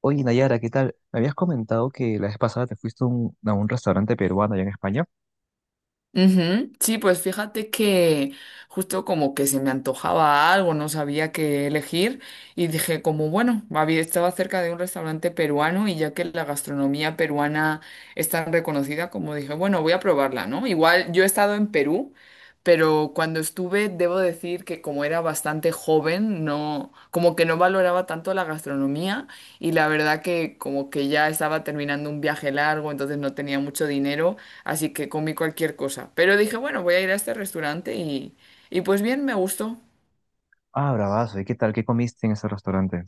Oye, Nayara, ¿qué tal? Me habías comentado que la vez pasada te fuiste a a un restaurante peruano allá en España. Ujú. Sí, pues fíjate que justo como que se me antojaba algo, no sabía qué elegir y dije como bueno, había, estaba cerca de un restaurante peruano y ya que la gastronomía peruana es tan reconocida, como dije, bueno, voy a probarla, ¿no? Igual yo he estado en Perú, pero cuando estuve, debo decir que como era bastante joven, no, como que no valoraba tanto la gastronomía y la verdad que como que ya estaba terminando un viaje largo, entonces no tenía mucho dinero. Así que comí cualquier cosa. Pero dije, bueno, voy a ir a este restaurante y pues bien, me gustó. Ah, bravazo. ¿Y qué tal? ¿Qué comiste en ese restaurante?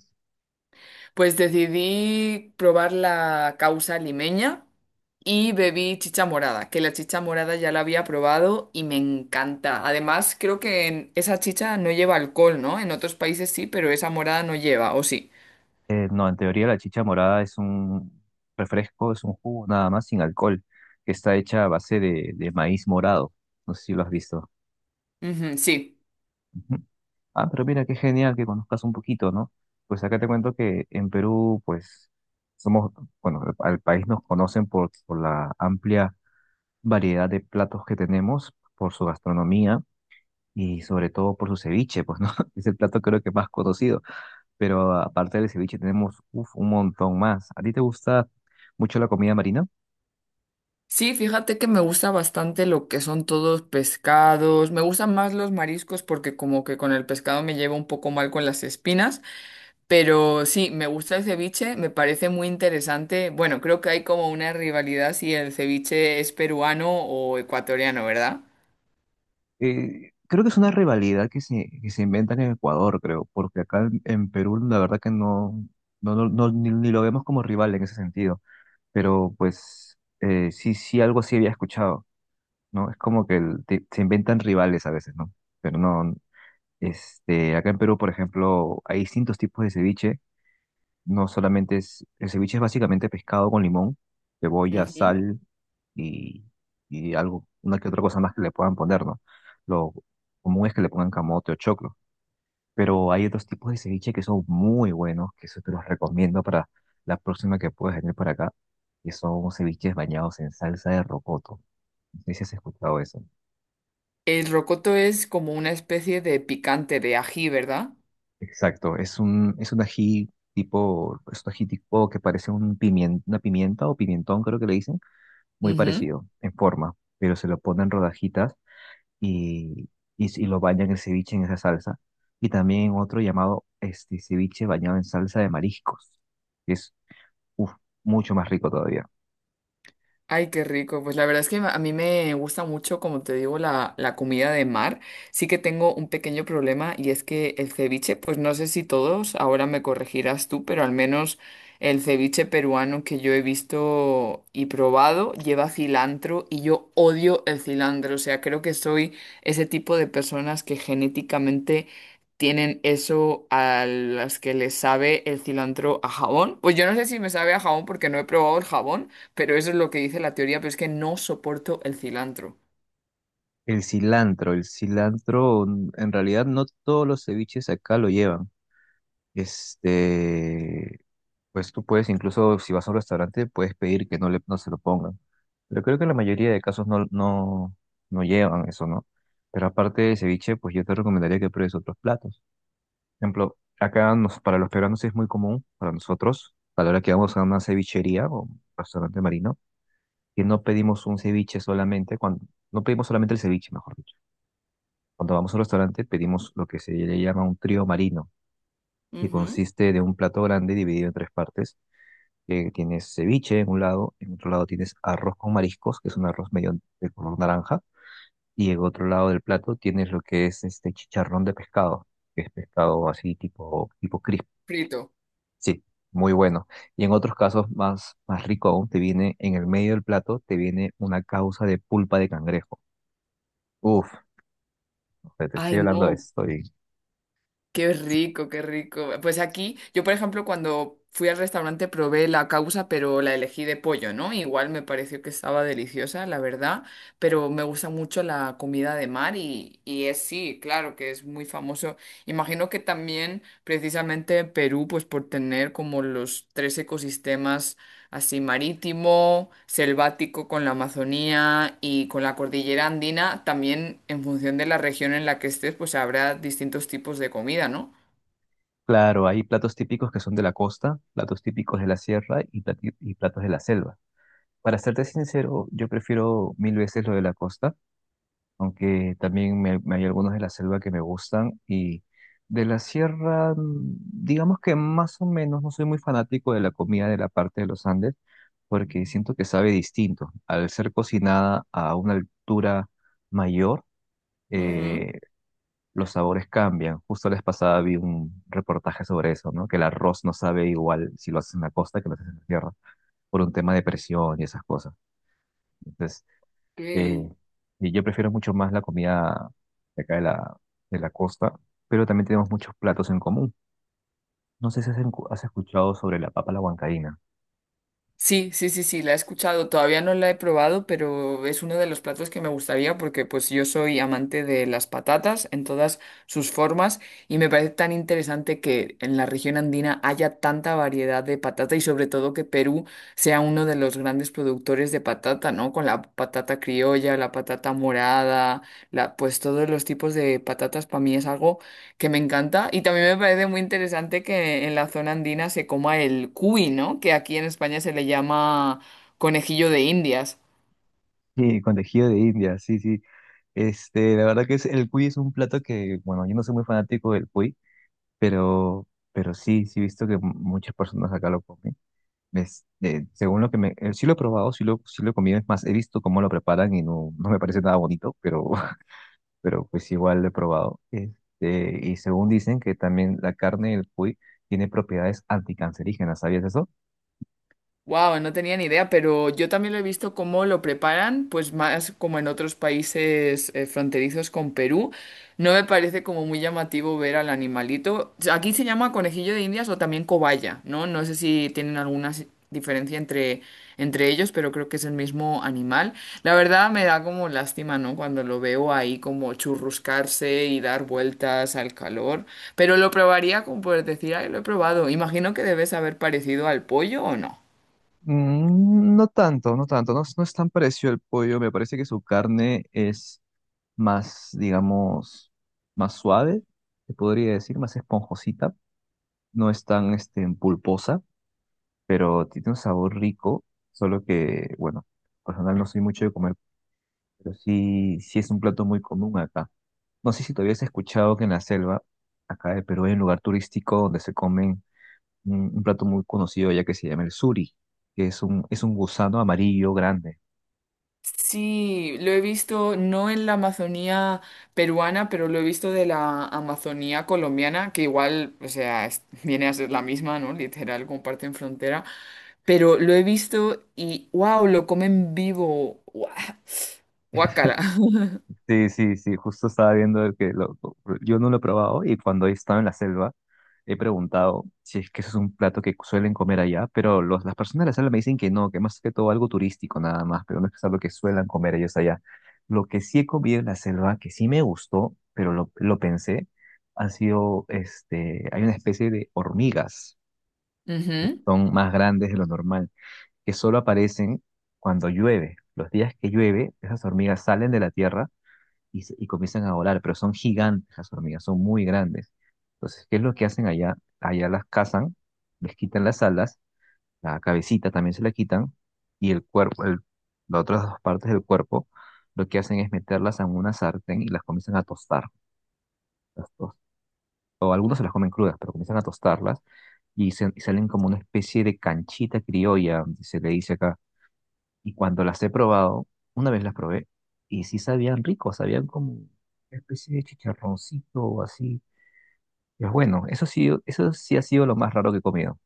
Pues decidí probar la causa limeña y bebí chicha morada, que la chicha morada ya la había probado y me encanta. Además, creo que esa chicha no lleva alcohol, ¿no? En otros países sí, pero esa morada no lleva, ¿o sí? No, en teoría la chicha morada es un refresco, es un jugo nada más sin alcohol, que está hecha a base de maíz morado. No sé si lo has visto. Ujú, sí. Ujú. Ah, pero mira, qué genial que conozcas un poquito, ¿no? Pues acá te cuento que en Perú, pues, somos, bueno, al país nos conocen por la amplia variedad de platos que tenemos, por su gastronomía y sobre todo por su ceviche, pues, ¿no? Es el plato creo que más conocido, pero aparte del ceviche tenemos uf, un montón más. ¿A ti te gusta mucho la comida marina? Sí, fíjate que me gusta bastante lo que son todos pescados. Me gustan más los mariscos porque como que con el pescado me llevo un poco mal con las espinas. Pero sí, me gusta el ceviche, me parece muy interesante. Bueno, creo que hay como una rivalidad si el ceviche es peruano o ecuatoriano, ¿verdad? Creo que es una rivalidad que se inventan en Ecuador, creo, porque acá en Perú la verdad que ni, ni lo vemos como rival en ese sentido, pero pues sí, sí, algo sí había escuchado, ¿no? Es como que se inventan rivales a veces, ¿no? Pero no, este, acá en Perú, por ejemplo, hay distintos tipos de ceviche. No solamente es, el ceviche es básicamente pescado con limón, cebolla, Ujú. sal y, y algo, una que otra cosa más que le puedan poner, ¿no? Lo común es que le pongan camote o choclo, pero hay otros tipos de ceviche que son muy buenos, que eso te los recomiendo para la próxima que puedas venir para acá, que son ceviches bañados en salsa de rocoto. No sé si has escuchado eso. El rocoto es como una especie de picante de ají, ¿verdad? Exacto, es un ají tipo, es un ají tipo que parece un una pimienta o pimentón, creo que le dicen, muy Ujú. parecido en forma, pero se lo ponen rodajitas y, y lo bañan el ceviche en esa salsa. Y también otro llamado este ceviche bañado en salsa de mariscos, que es uf, mucho más rico todavía. Ay, qué rico. Pues la verdad es que a mí me gusta mucho, como te digo, la comida de mar. Sí que tengo un pequeño problema y es que el ceviche, pues no sé si todos, ahora me corregirás tú, pero al menos el ceviche peruano que yo he visto y probado lleva cilantro y yo odio el cilantro. O sea, creo que soy ese tipo de personas que genéticamente tienen eso a las que les sabe el cilantro a jabón. Pues yo no sé si me sabe a jabón porque no he probado el jabón. Pero eso es lo que dice la teoría, pero es que no soporto el cilantro. El cilantro, en realidad no todos los ceviches acá lo llevan. Este, pues tú puedes, incluso si vas a un restaurante, puedes pedir que no se lo pongan. Pero creo que en la mayoría de casos no llevan eso, ¿no? Pero aparte de ceviche, pues yo te recomendaría que pruebes otros platos. Por ejemplo, para los peruanos es muy común, para nosotros, a la hora que vamos a una cevichería o un restaurante marino, que no pedimos un ceviche solamente, cuando, no pedimos solamente el ceviche, mejor dicho. Cuando vamos a un restaurante pedimos lo que se le llama un trío marino, que Ujú. consiste de un plato grande dividido en tres partes, que tienes ceviche en un lado, en otro lado tienes arroz con mariscos, que es un arroz medio de color naranja, y en otro lado del plato tienes lo que es este chicharrón de pescado, que es pescado así tipo, tipo crisp. Frito. Sí, muy bueno. Y en otros casos más, más rico aún, te viene en el medio del plato, te viene una causa de pulpa de cangrejo. Uf, o sea, te Ay, estoy hablando de no, esto. Y... qué rico, qué rico. Pues aquí, yo por ejemplo, cuando fui al restaurante probé la causa, pero la elegí de pollo, ¿no? Igual me pareció que estaba deliciosa, la verdad, pero me gusta mucho la comida de mar y es sí, claro que es muy famoso. Imagino que también precisamente Perú, pues por tener como los tres ecosistemas así marítimo, selvático con la Amazonía y con la cordillera andina, también en función de la región en la que estés, pues habrá distintos tipos de comida, ¿no? Claro, hay platos típicos que son de la costa, platos típicos de la sierra y y platos de la selva. Para serte sincero, yo prefiero mil veces lo de la costa, aunque también me hay algunos de la selva que me gustan, y de la sierra, mm, digamos que más o menos no soy muy fanático de la comida de la parte de los Andes porque siento que sabe distinto. Al ser cocinada a una altura mayor, Ujú, eh, los sabores cambian. Justo la vez pasada vi un reportaje sobre eso, ¿no? Que el arroz no sabe igual si lo haces en la costa que lo haces en la sierra por un tema de presión y esas cosas. Entonces, ok. eh, y yo prefiero mucho más la comida de acá de la costa, pero también tenemos muchos platos en común. No sé si has escuchado sobre la papa a la huancaína. Sí, sí, sí, sí, la he escuchado, todavía no la he probado, pero es uno de los platos que me gustaría porque pues yo soy amante de las patatas en todas sus formas y me parece tan interesante que en la región andina haya tanta variedad de patata y sobre todo que Perú sea uno de los grandes productores de patata, ¿no? Con la patata criolla, la patata morada, la pues todos los tipos de patatas para mí es algo que me encanta. Y también me parece muy interesante que en la zona andina se coma el cuy, ¿no? Que aquí en España se le llama conejillo de Indias. Sí, con tejido de India, sí, sí. Este, la verdad que es, el cuy es un plato que, bueno, yo no soy muy fanático del cuy, pero sí, sí he visto que muchas personas acá lo comen. Es- según lo que me, Sí lo he probado, sí lo he comido, es más, he visto cómo lo preparan y no, no me parece nada bonito, pero pues igual lo he probado. Este, y según dicen que también la carne del cuy tiene propiedades anticancerígenas, ¿sabías eso? Wow, no tenía ni idea, pero yo también lo he visto cómo lo preparan, pues más como en otros países fronterizos con Perú. No me parece como muy llamativo ver al animalito. O sea, aquí se llama conejillo de Indias o también cobaya, ¿no? No sé si tienen alguna diferencia entre, entre ellos, pero creo que es el mismo animal. La verdad me da como lástima, ¿no? Cuando lo veo ahí como churruscarse y dar vueltas al calor, pero lo probaría como por decir, ay, lo he probado. Imagino que debes haber parecido al pollo o no. Mm, no tanto, no tanto, no, no es tan parecido al pollo, me parece que su carne es más, digamos, más suave, se podría decir, más esponjosita, no es tan este, pulposa, pero tiene un sabor rico, solo que, bueno, personal no soy mucho de comer, pero sí, sí es un plato muy común acá. No sé si todavía habías escuchado que en la selva, acá de Perú, hay un lugar turístico donde se comen un plato muy conocido ya que se llama el suri, que es es un gusano amarillo grande. Sí, lo he visto no en la Amazonía peruana, pero lo he visto de la Amazonía colombiana, que igual, o sea, viene a ser la misma, ¿no? Literal, comparten frontera. Pero lo he visto y, wow, lo comen vivo. Guau, guácala. Sí, sí, sí, justo estaba viendo el yo no lo he probado, y cuando he estado en la selva he preguntado si es que eso es un plato que suelen comer allá, pero las personas de la selva me dicen que no, que más que todo algo turístico nada más, pero no es que es algo que suelan comer ellos allá. Lo que sí he comido en la selva, que sí me gustó, pero lo pensé, ha sido, este, hay una especie de hormigas que Ujú. son más grandes de lo normal, que solo aparecen cuando llueve. Los días que llueve, esas hormigas salen de la tierra y, y comienzan a volar, pero son gigantes las hormigas, son muy grandes. Entonces, ¿qué es lo que hacen allá? Allá las cazan, les quitan las alas, la cabecita también se la quitan, y el cuerpo, las otras dos partes del cuerpo, lo que hacen es meterlas en una sartén y las comienzan a tostar. Las tos- o algunos se las comen crudas, pero comienzan a tostarlas y, y salen como una especie de canchita criolla, se le dice acá, y cuando las he probado, una vez las probé, y sí sabían rico, sabían como una especie de chicharroncito o así. Y es bueno, eso sí ha sido lo más raro que he comido.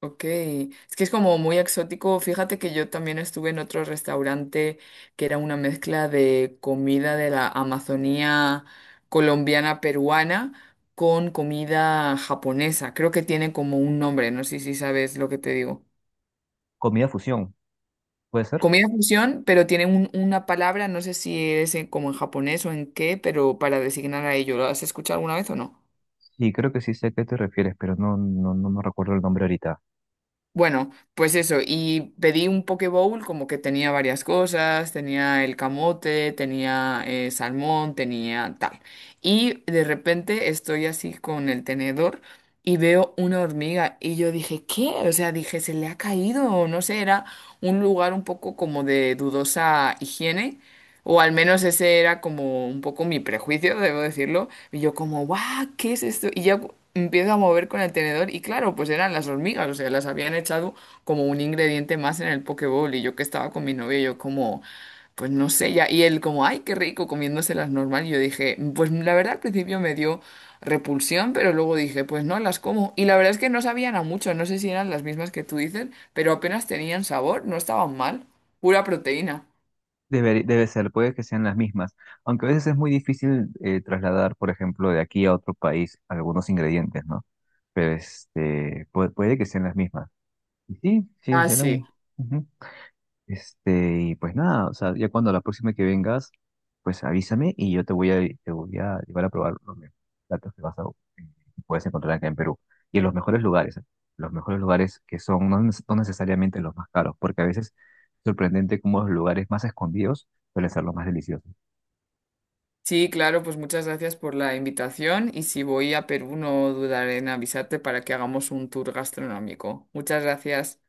Ok, es que es como muy exótico. Fíjate que yo también estuve en otro restaurante que era una mezcla de comida de la Amazonía colombiana peruana con comida japonesa. Creo que tiene como un nombre, no sé si sabes lo que te digo. Comida fusión, ¿puede ser? Comida fusión, pero tiene una palabra, no sé si es como en japonés o en qué, pero para designar a ello. ¿Lo has escuchado alguna vez o no? Sí, creo que sí sé a qué te refieres, pero no me recuerdo el nombre ahorita. Bueno, pues eso, y pedí un poke bowl como que tenía varias cosas, tenía el camote, tenía salmón, tenía tal. Y de repente estoy así con el tenedor y veo una hormiga y yo dije, ¿qué? O sea, dije, se le ha caído, o no sé, era un lugar un poco como de dudosa higiene. O al menos ese era como un poco mi prejuicio, debo decirlo. Y yo como, guau, ¿qué es esto? Y ya empiezo a mover con el tenedor y claro, pues eran las hormigas, o sea, las habían echado como un ingrediente más en el poke bowl. Y yo que estaba con mi novio, yo como, pues no sé, ya. Y él como, ay, qué rico, comiéndoselas normal. Y yo dije, pues la verdad al principio me dio repulsión, pero luego dije, pues no, las como. Y la verdad es que no sabían a mucho, no sé si eran las mismas que tú dices, pero apenas tenían sabor, no estaban mal, pura proteína. Debe, debe ser, puede que sean las mismas, aunque a veces es muy difícil trasladar, por ejemplo, de aquí a otro país algunos ingredientes, ¿no? Pero este, puede, puede que sean las mismas. Y sí, sí, Ah, será un... sí. ujú. Este, y pues nada, o sea, ya cuando la próxima que vengas, pues avísame y yo te voy te voy a llevar a probar los mejores platos que que puedes encontrar acá en Perú. Y en los mejores lugares, ¿eh? Los mejores lugares que son no, no necesariamente los más caros, porque a veces es sorprendente cómo los lugares más escondidos suelen ser los más deliciosos. Sí, claro, pues muchas gracias por la invitación y si voy a Perú no dudaré en avisarte para que hagamos un tour gastronómico. Muchas gracias.